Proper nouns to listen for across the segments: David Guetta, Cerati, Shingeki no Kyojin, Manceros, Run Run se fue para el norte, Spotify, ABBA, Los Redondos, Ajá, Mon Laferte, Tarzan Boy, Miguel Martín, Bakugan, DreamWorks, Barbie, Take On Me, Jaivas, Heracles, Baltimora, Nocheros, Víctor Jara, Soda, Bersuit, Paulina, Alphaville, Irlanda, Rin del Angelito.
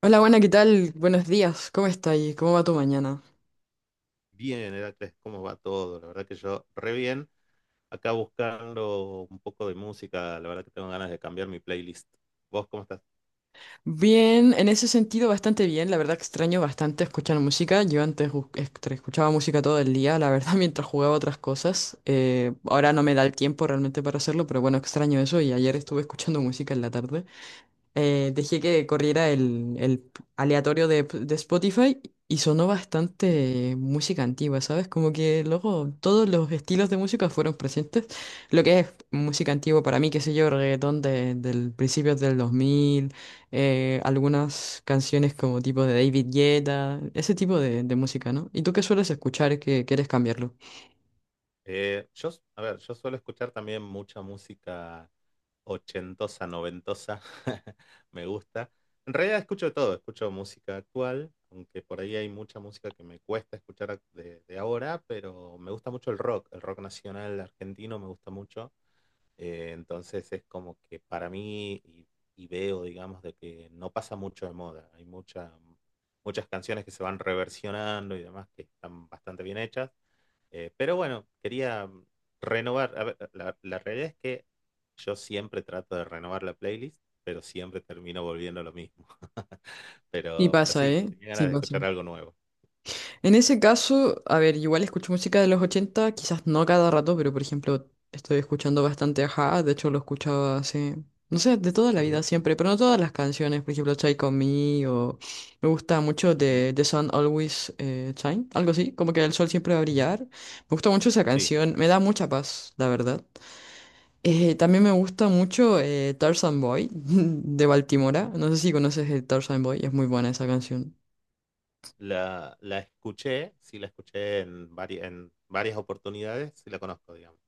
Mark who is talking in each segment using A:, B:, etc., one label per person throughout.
A: Hola, buena, ¿qué tal? Buenos días, ¿cómo está ahí? ¿Cómo va tu mañana?
B: Bien, Heracles, ¿cómo va todo? La verdad que yo re bien. Acá buscando un poco de música, la verdad que tengo ganas de cambiar mi playlist. ¿Vos cómo estás?
A: Bien, en ese sentido bastante bien, la verdad que extraño bastante escuchar música, yo antes escuchaba música todo el día, la verdad mientras jugaba otras cosas. Ahora no me da el tiempo realmente para hacerlo, pero bueno, extraño eso y ayer estuve escuchando música en la tarde. Dejé que corriera el aleatorio de Spotify y sonó
B: Ujú.
A: bastante música antigua, ¿sabes? Como que luego todos los estilos de música fueron presentes. Lo que es música antigua para mí, qué sé yo, reggaetón del principio del 2000, algunas canciones como tipo de David Guetta, ese tipo de música, ¿no? ¿Y tú qué sueles escuchar que quieres cambiarlo?
B: Eh, yo, a ver, yo suelo escuchar también mucha música ochentosa, noventosa. Me gusta. En realidad escucho de todo, escucho música actual, aunque por ahí hay mucha música que me cuesta escuchar de ahora, pero me gusta mucho el rock nacional argentino me gusta mucho. Entonces es como que para mí, y veo, digamos, de que no pasa mucho de moda. Muchas canciones que se van reversionando y demás que están bastante bien hechas. Pero bueno, quería renovar. A ver, la realidad es que yo siempre trato de renovar la playlist, pero siempre termino volviendo a lo mismo.
A: Sí
B: Pero
A: pasa,
B: sí,
A: ¿eh?
B: tenía
A: Sí
B: ganas de
A: pasa.
B: escuchar algo nuevo.
A: En ese caso, a ver, igual escucho música de los 80, quizás no cada rato, pero por ejemplo, estoy escuchando bastante Ajá, de hecho lo escuchaba hace, no sé, de toda la vida
B: Ujú,
A: siempre, pero no todas las canciones, por ejemplo, Take On Me o me gusta mucho
B: ujú,
A: de The Sun Always Shine, algo así, como que el sol siempre va a
B: ujú.
A: brillar. Me gusta mucho esa
B: Sí.
A: canción, me da mucha paz, la verdad. También me gusta mucho Tarzan Boy de Baltimora, no sé si conoces el Tarzan Boy, es muy buena esa canción.
B: La escuché, sí la escuché en varias oportunidades, sí la conozco, digamos,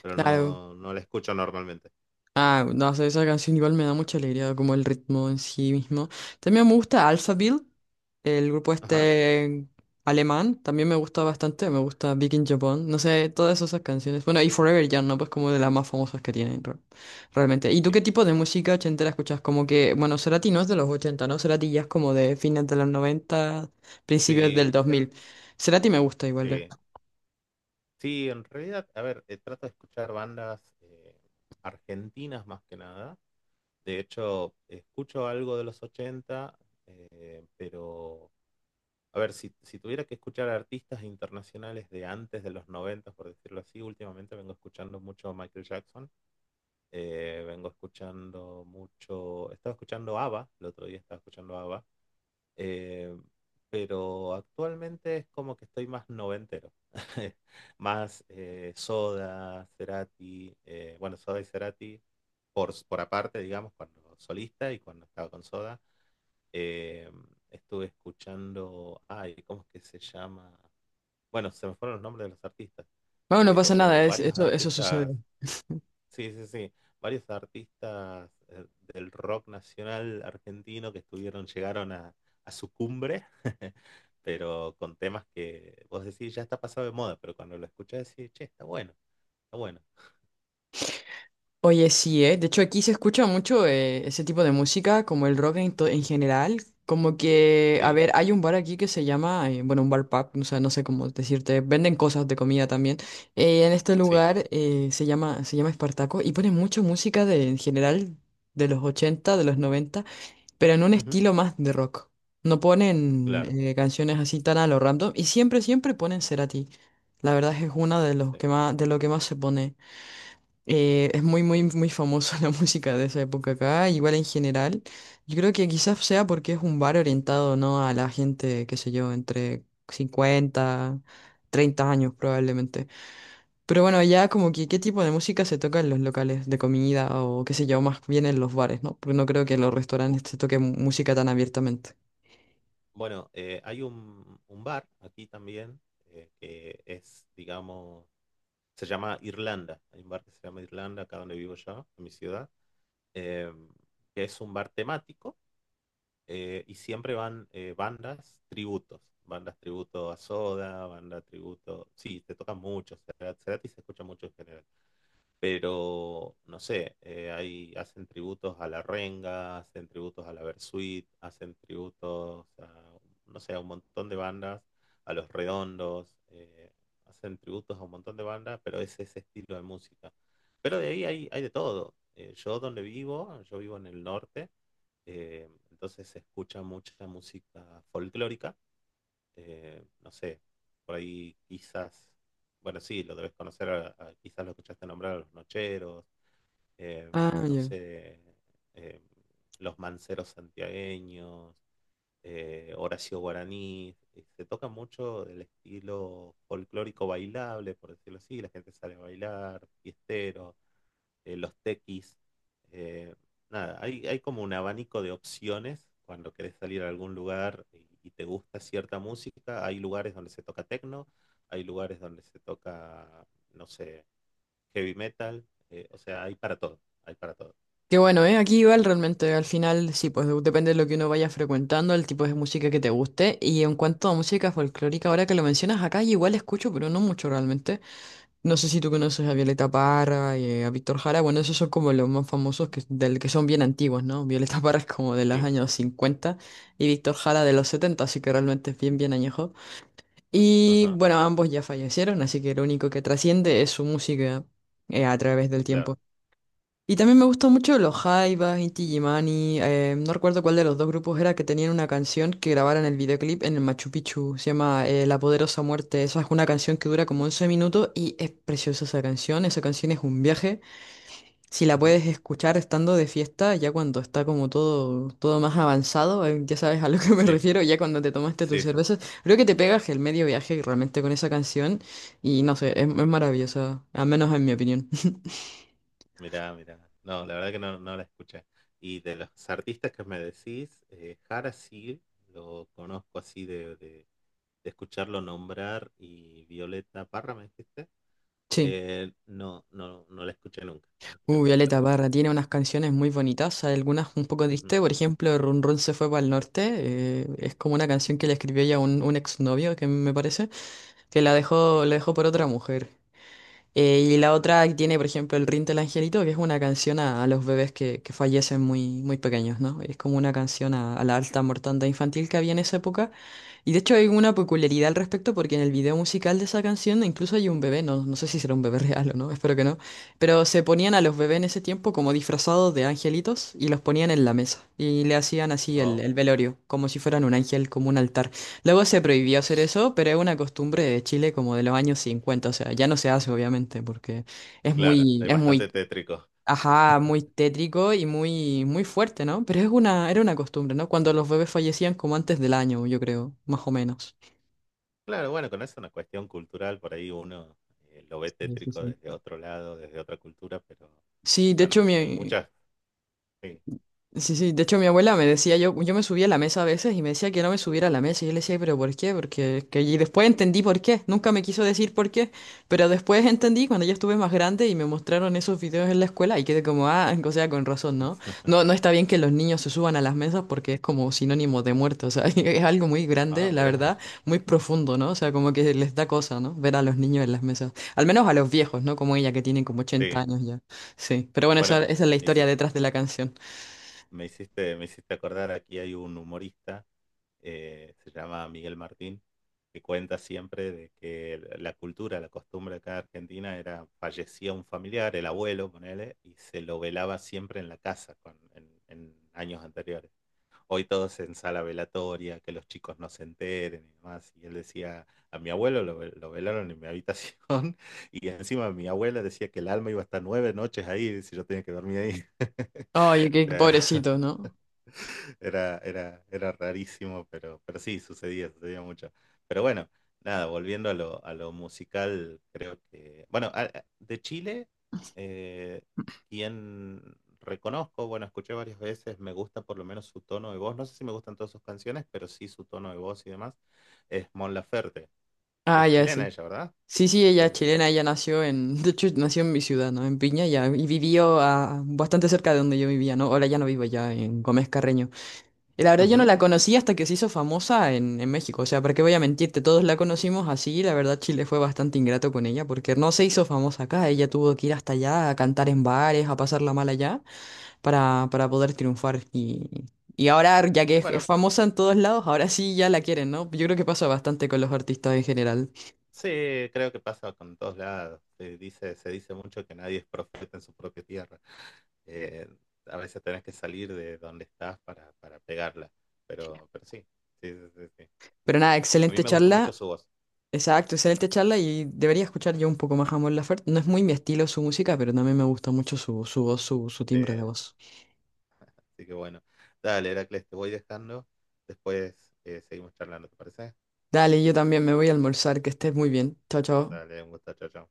B: pero
A: Claro.
B: no la escucho normalmente.
A: Ah, no sé, esa canción igual me da mucha alegría, como el ritmo en sí mismo. También me gusta Alphaville, el grupo
B: Ajá,
A: este alemán, también me gusta bastante, me gusta Big in Japan, no sé, todas esas canciones. Bueno, y Forever Young, ¿no? Pues como de las más famosas que tienen, realmente. ¿Y tú qué
B: sí.
A: tipo de música ochentera escuchas? Como que, bueno, Cerati no es de los ochenta, ¿no? Cerati ya es como de fines de los noventa, principios del
B: Sí, en,
A: 2000. Cerati me gusta igual.
B: sí,
A: Ya.
B: sí, en realidad, a ver, trato de escuchar bandas argentinas más que nada. De hecho, escucho algo de los 80 eh, pero, a ver, si tuviera que escuchar artistas internacionales de antes de los 90, por decirlo así, últimamente vengo escuchando mucho Michael Jackson. Vengo escuchando mucho, estaba escuchando ABBA, el otro día estaba escuchando ABBA, eh, pero actualmente es como que estoy más noventero, más Soda, Cerati, bueno, Soda y Cerati por aparte, digamos, cuando solista y cuando estaba con Soda, eh, estuve escuchando, ay, ¿cómo es que se llama? Bueno, se me fueron los nombres de los artistas,
A: Bueno, no pasa
B: pero
A: nada, es,
B: varios
A: eso
B: artistas.
A: sucede.
B: Sí, sí, sí. Varios artistas del rock nacional argentino que estuvieron, llegaron a su cumbre, pero con temas que vos decís ya está pasado de moda, pero cuando lo escuchás decís, che, está bueno, está bueno.
A: Oye, sí, ¿eh? De hecho, aquí se escucha mucho ese tipo de música, como el rock en, en general. Como que, a
B: Sí,
A: ver, hay un bar aquí que se llama, bueno, un bar pub, o sea, no sé cómo decirte, venden cosas de comida también. En este
B: sí,
A: lugar se llama Espartaco y ponen mucha música de, en general de los 80, de los 90, pero en un
B: ujú,
A: estilo más de rock. No ponen
B: claro,
A: canciones así tan a lo random y siempre, siempre ponen Cerati. La verdad es que es una de los
B: sí.
A: que más, de lo que más se pone. Es muy, muy, muy famosa la música de esa época acá, igual en general. Yo creo que quizás sea porque es un bar orientado, ¿no? A la gente, qué sé yo, entre cincuenta, 30 años probablemente. Pero bueno, ya como que qué tipo de música se toca en los locales de comida o qué sé yo, más bien en los bares, ¿no? Porque no creo que en los
B: Bu-
A: restaurantes se toque música tan abiertamente.
B: Bueno, hay un bar aquí también eh, que es, digamos, se llama Irlanda. Hay un bar que se llama Irlanda, acá donde vivo yo, en mi ciudad, em, que es un bar temático y siempre van bandas tributos, bandas tributo a Soda, banda tributo, sí, te tocan mucho, Cerati se escucha mucho en general, pero no sé, hacen tributos a la Renga, hacen tributos a la Bersuit, hacen tributos a, no sé, a un montón de bandas, a Los Redondos, hacen tributos a un montón de bandas, pero es ese estilo de música. Pero de ahí hay, hay de todo. Yo vivo en el norte, entonces se escucha mucha música folclórica, no sé, por ahí quizás, bueno, sí, lo debes conocer, quizás lo escuchaste nombrar a los Nocheros, eh,
A: Ah,
B: no
A: ya.
B: sé, eh, los Manceros santiagueños, Horacio Guaraní, se toca mucho el estilo folclórico bailable, por decirlo así, la gente sale a bailar, fiestero, los tequis. eh, Nada, hay como un abanico de opciones cuando querés salir a algún lugar y te gusta cierta música. Hay lugares donde se toca techno, hay lugares donde se toca, no sé, heavy metal. O sea, hay para todo, hay para todo.
A: Qué bueno, ¿eh? Aquí igual realmente al final sí, pues depende de lo que uno vaya frecuentando, el tipo de música que te guste. Y en cuanto a música folclórica, ahora que lo mencionas acá, yo igual escucho, pero no mucho realmente. No sé si tú
B: Ujú.
A: conoces a Violeta Parra y a Víctor Jara. Bueno, esos son como los más famosos que, del que son bien antiguos, ¿no? Violeta Parra es como de los
B: Sí,
A: años 50 y Víctor Jara de los 70, así que realmente es bien, bien añejo. Y
B: ajá,
A: bueno, ambos ya fallecieron, así que lo único que trasciende es su música a través del
B: claro.
A: tiempo. Y también me gustó mucho los Jaivas, Inti Illimani, no recuerdo cuál de los dos grupos era que tenían una canción que grabaron el videoclip en el Machu Picchu, se llama La Poderosa Muerte. Esa es una canción que dura como 11 minutos y es preciosa esa canción es un viaje. Si la
B: Ujú.
A: puedes escuchar estando de fiesta, ya cuando está como todo, todo más avanzado, ya sabes a lo que me
B: Sí,
A: refiero, ya cuando te tomaste tus
B: sí, sí.
A: cervezas, creo que te pegas el medio viaje realmente con esa canción y no sé, es maravillosa, al menos en mi opinión.
B: Mirá, mirá. No, la verdad que no, no la escuché. Y de los artistas que me decís, Jara sí, lo conozco así de escucharlo nombrar, y Violeta Parra, ¿me dijiste?
A: Sí.
B: No la escuché nunca, no la escuché nunca, la
A: Violeta
B: verdad.
A: Parra tiene unas canciones muy bonitas, hay algunas un poco
B: Ujú,
A: tristes, por ejemplo, Run Run se fue para el norte, es como una canción que le escribió ella a un exnovio, que me parece, que
B: sí,
A: la dejó por otra mujer. Y la
B: ajá.
A: otra tiene, por ejemplo, el Rin del Angelito, que es una canción a los bebés que fallecen muy, muy pequeños, ¿no? Es como una canción a la alta mortandad infantil que había en esa época. Y de hecho hay una peculiaridad al respecto porque en el video musical de esa canción incluso hay un bebé, no, no sé si será un bebé real o no, espero que no, pero se ponían a los bebés en ese tiempo como disfrazados de angelitos y los ponían en la mesa y le hacían así el,
B: Oh,
A: el velorio, como si fueran un ángel, como un altar. Luego se prohibió hacer eso, pero es una costumbre de Chile como de los años 50, o sea, ya no se hace obviamente porque
B: claro, es
A: es muy,
B: bastante tétrico.
A: ajá, muy tétrico y muy, muy fuerte, ¿no? Pero es una, era una costumbre, ¿no? Cuando los bebés fallecían como antes del año, yo creo, más o menos.
B: Claro, bueno, con eso es una cuestión cultural, por ahí uno lo ve
A: Sí, sí,
B: tétrico
A: sí.
B: desde otro lado, desde otra cultura, pero
A: Sí, de hecho
B: cuando- hay
A: mi,
B: muchas, sí.
A: sí, sí, de hecho mi abuela me decía, yo me subía a la mesa a veces y me decía que no me subiera a la mesa y yo le decía, pero ¿por qué? Porque que... Y después entendí por qué, nunca me quiso decir por qué, pero después entendí cuando ya estuve más grande y me mostraron esos videos en la escuela y quedé como, ah, o sea, con razón, ¿no? No, no está bien que los niños se suban a las mesas porque es como sinónimo de muerto, o sea, es algo muy grande,
B: Ah,
A: la
B: mirá,
A: verdad, muy profundo, ¿no? O sea, como que les da cosa, ¿no? Ver a los niños en las mesas, al menos a los viejos, ¿no? Como ella que tiene como ochenta
B: sí.
A: años ya, sí, pero bueno,
B: Bueno,
A: esa es la historia detrás de la canción.
B: me hiciste acordar, aquí hay un humorista se llama Miguel Martín, que cuenta siempre de que la cultura, la costumbre acá de Argentina era, fallecía un familiar, el abuelo, ponele, y se lo velaba siempre en la casa en años anteriores. Hoy todos en sala velatoria, que los chicos no se enteren y demás. Y él decía, a mi abuelo lo velaron en mi habitación y encima mi abuela decía que el alma iba a estar nueve noches ahí, si yo tenía que dormir ahí.
A: Oye,
B: O
A: qué
B: sea,
A: pobrecito, ¿no?
B: era, era, era rarísimo, pero sí, sucedía, sucedía mucho. Pero bueno, nada, volviendo a lo musical, creo que... Bueno, de Chile, eh, quien reconozco, bueno, escuché varias veces, me gusta por lo menos su tono de voz, no sé si me gustan todas sus canciones, pero sí su tono de voz y demás, es Mon Laferte.
A: Ah,
B: Es
A: ya
B: chilena
A: sí.
B: ella, ¿verdad?
A: Sí, sí, ella
B: Sí,
A: es
B: sí, sí.
A: chilena, ella nació en, de hecho, nació en mi ciudad, ¿no? En Piña, ya, y vivió ah, bastante cerca de donde yo vivía, ¿no? Ahora ya no vivo ya en Gómez Carreño. Y la verdad yo no
B: Ujú.
A: la conocí hasta que se hizo famosa en México, o sea, ¿para qué voy a mentirte? Todos la conocimos así, y la verdad Chile fue bastante ingrato con ella, porque no se hizo famosa acá, ella tuvo que ir hasta allá a cantar en bares, a pasarla mal allá. Para poder triunfar. Y ahora, ya que es
B: Bueno,
A: famosa en todos lados, ahora sí ya la quieren, ¿no? Yo creo que pasa bastante con los artistas en general.
B: sí, creo que pasa con todos lados. Se dice mucho que nadie es profeta en su propia tierra. Eh, a veces tenés que salir de donde estás para pegarla. Pero sí, sí, sí, sí, sí.
A: Pero nada,
B: A mí
A: excelente
B: me gusta mucho
A: charla.
B: su voz.
A: Exacto, excelente charla y debería escuchar yo un poco más a Mon Laferte. No es muy mi estilo su música, pero también me gusta mucho su, su voz, su timbre de
B: Eh,
A: voz.
B: Así que bueno. Dale, Heracles, te voy dejando. Después seguimos charlando, ¿te parece?
A: Dale, yo también me voy a almorzar, que estés muy bien. Chao, chao.
B: Dale, un gusto, chao, chao.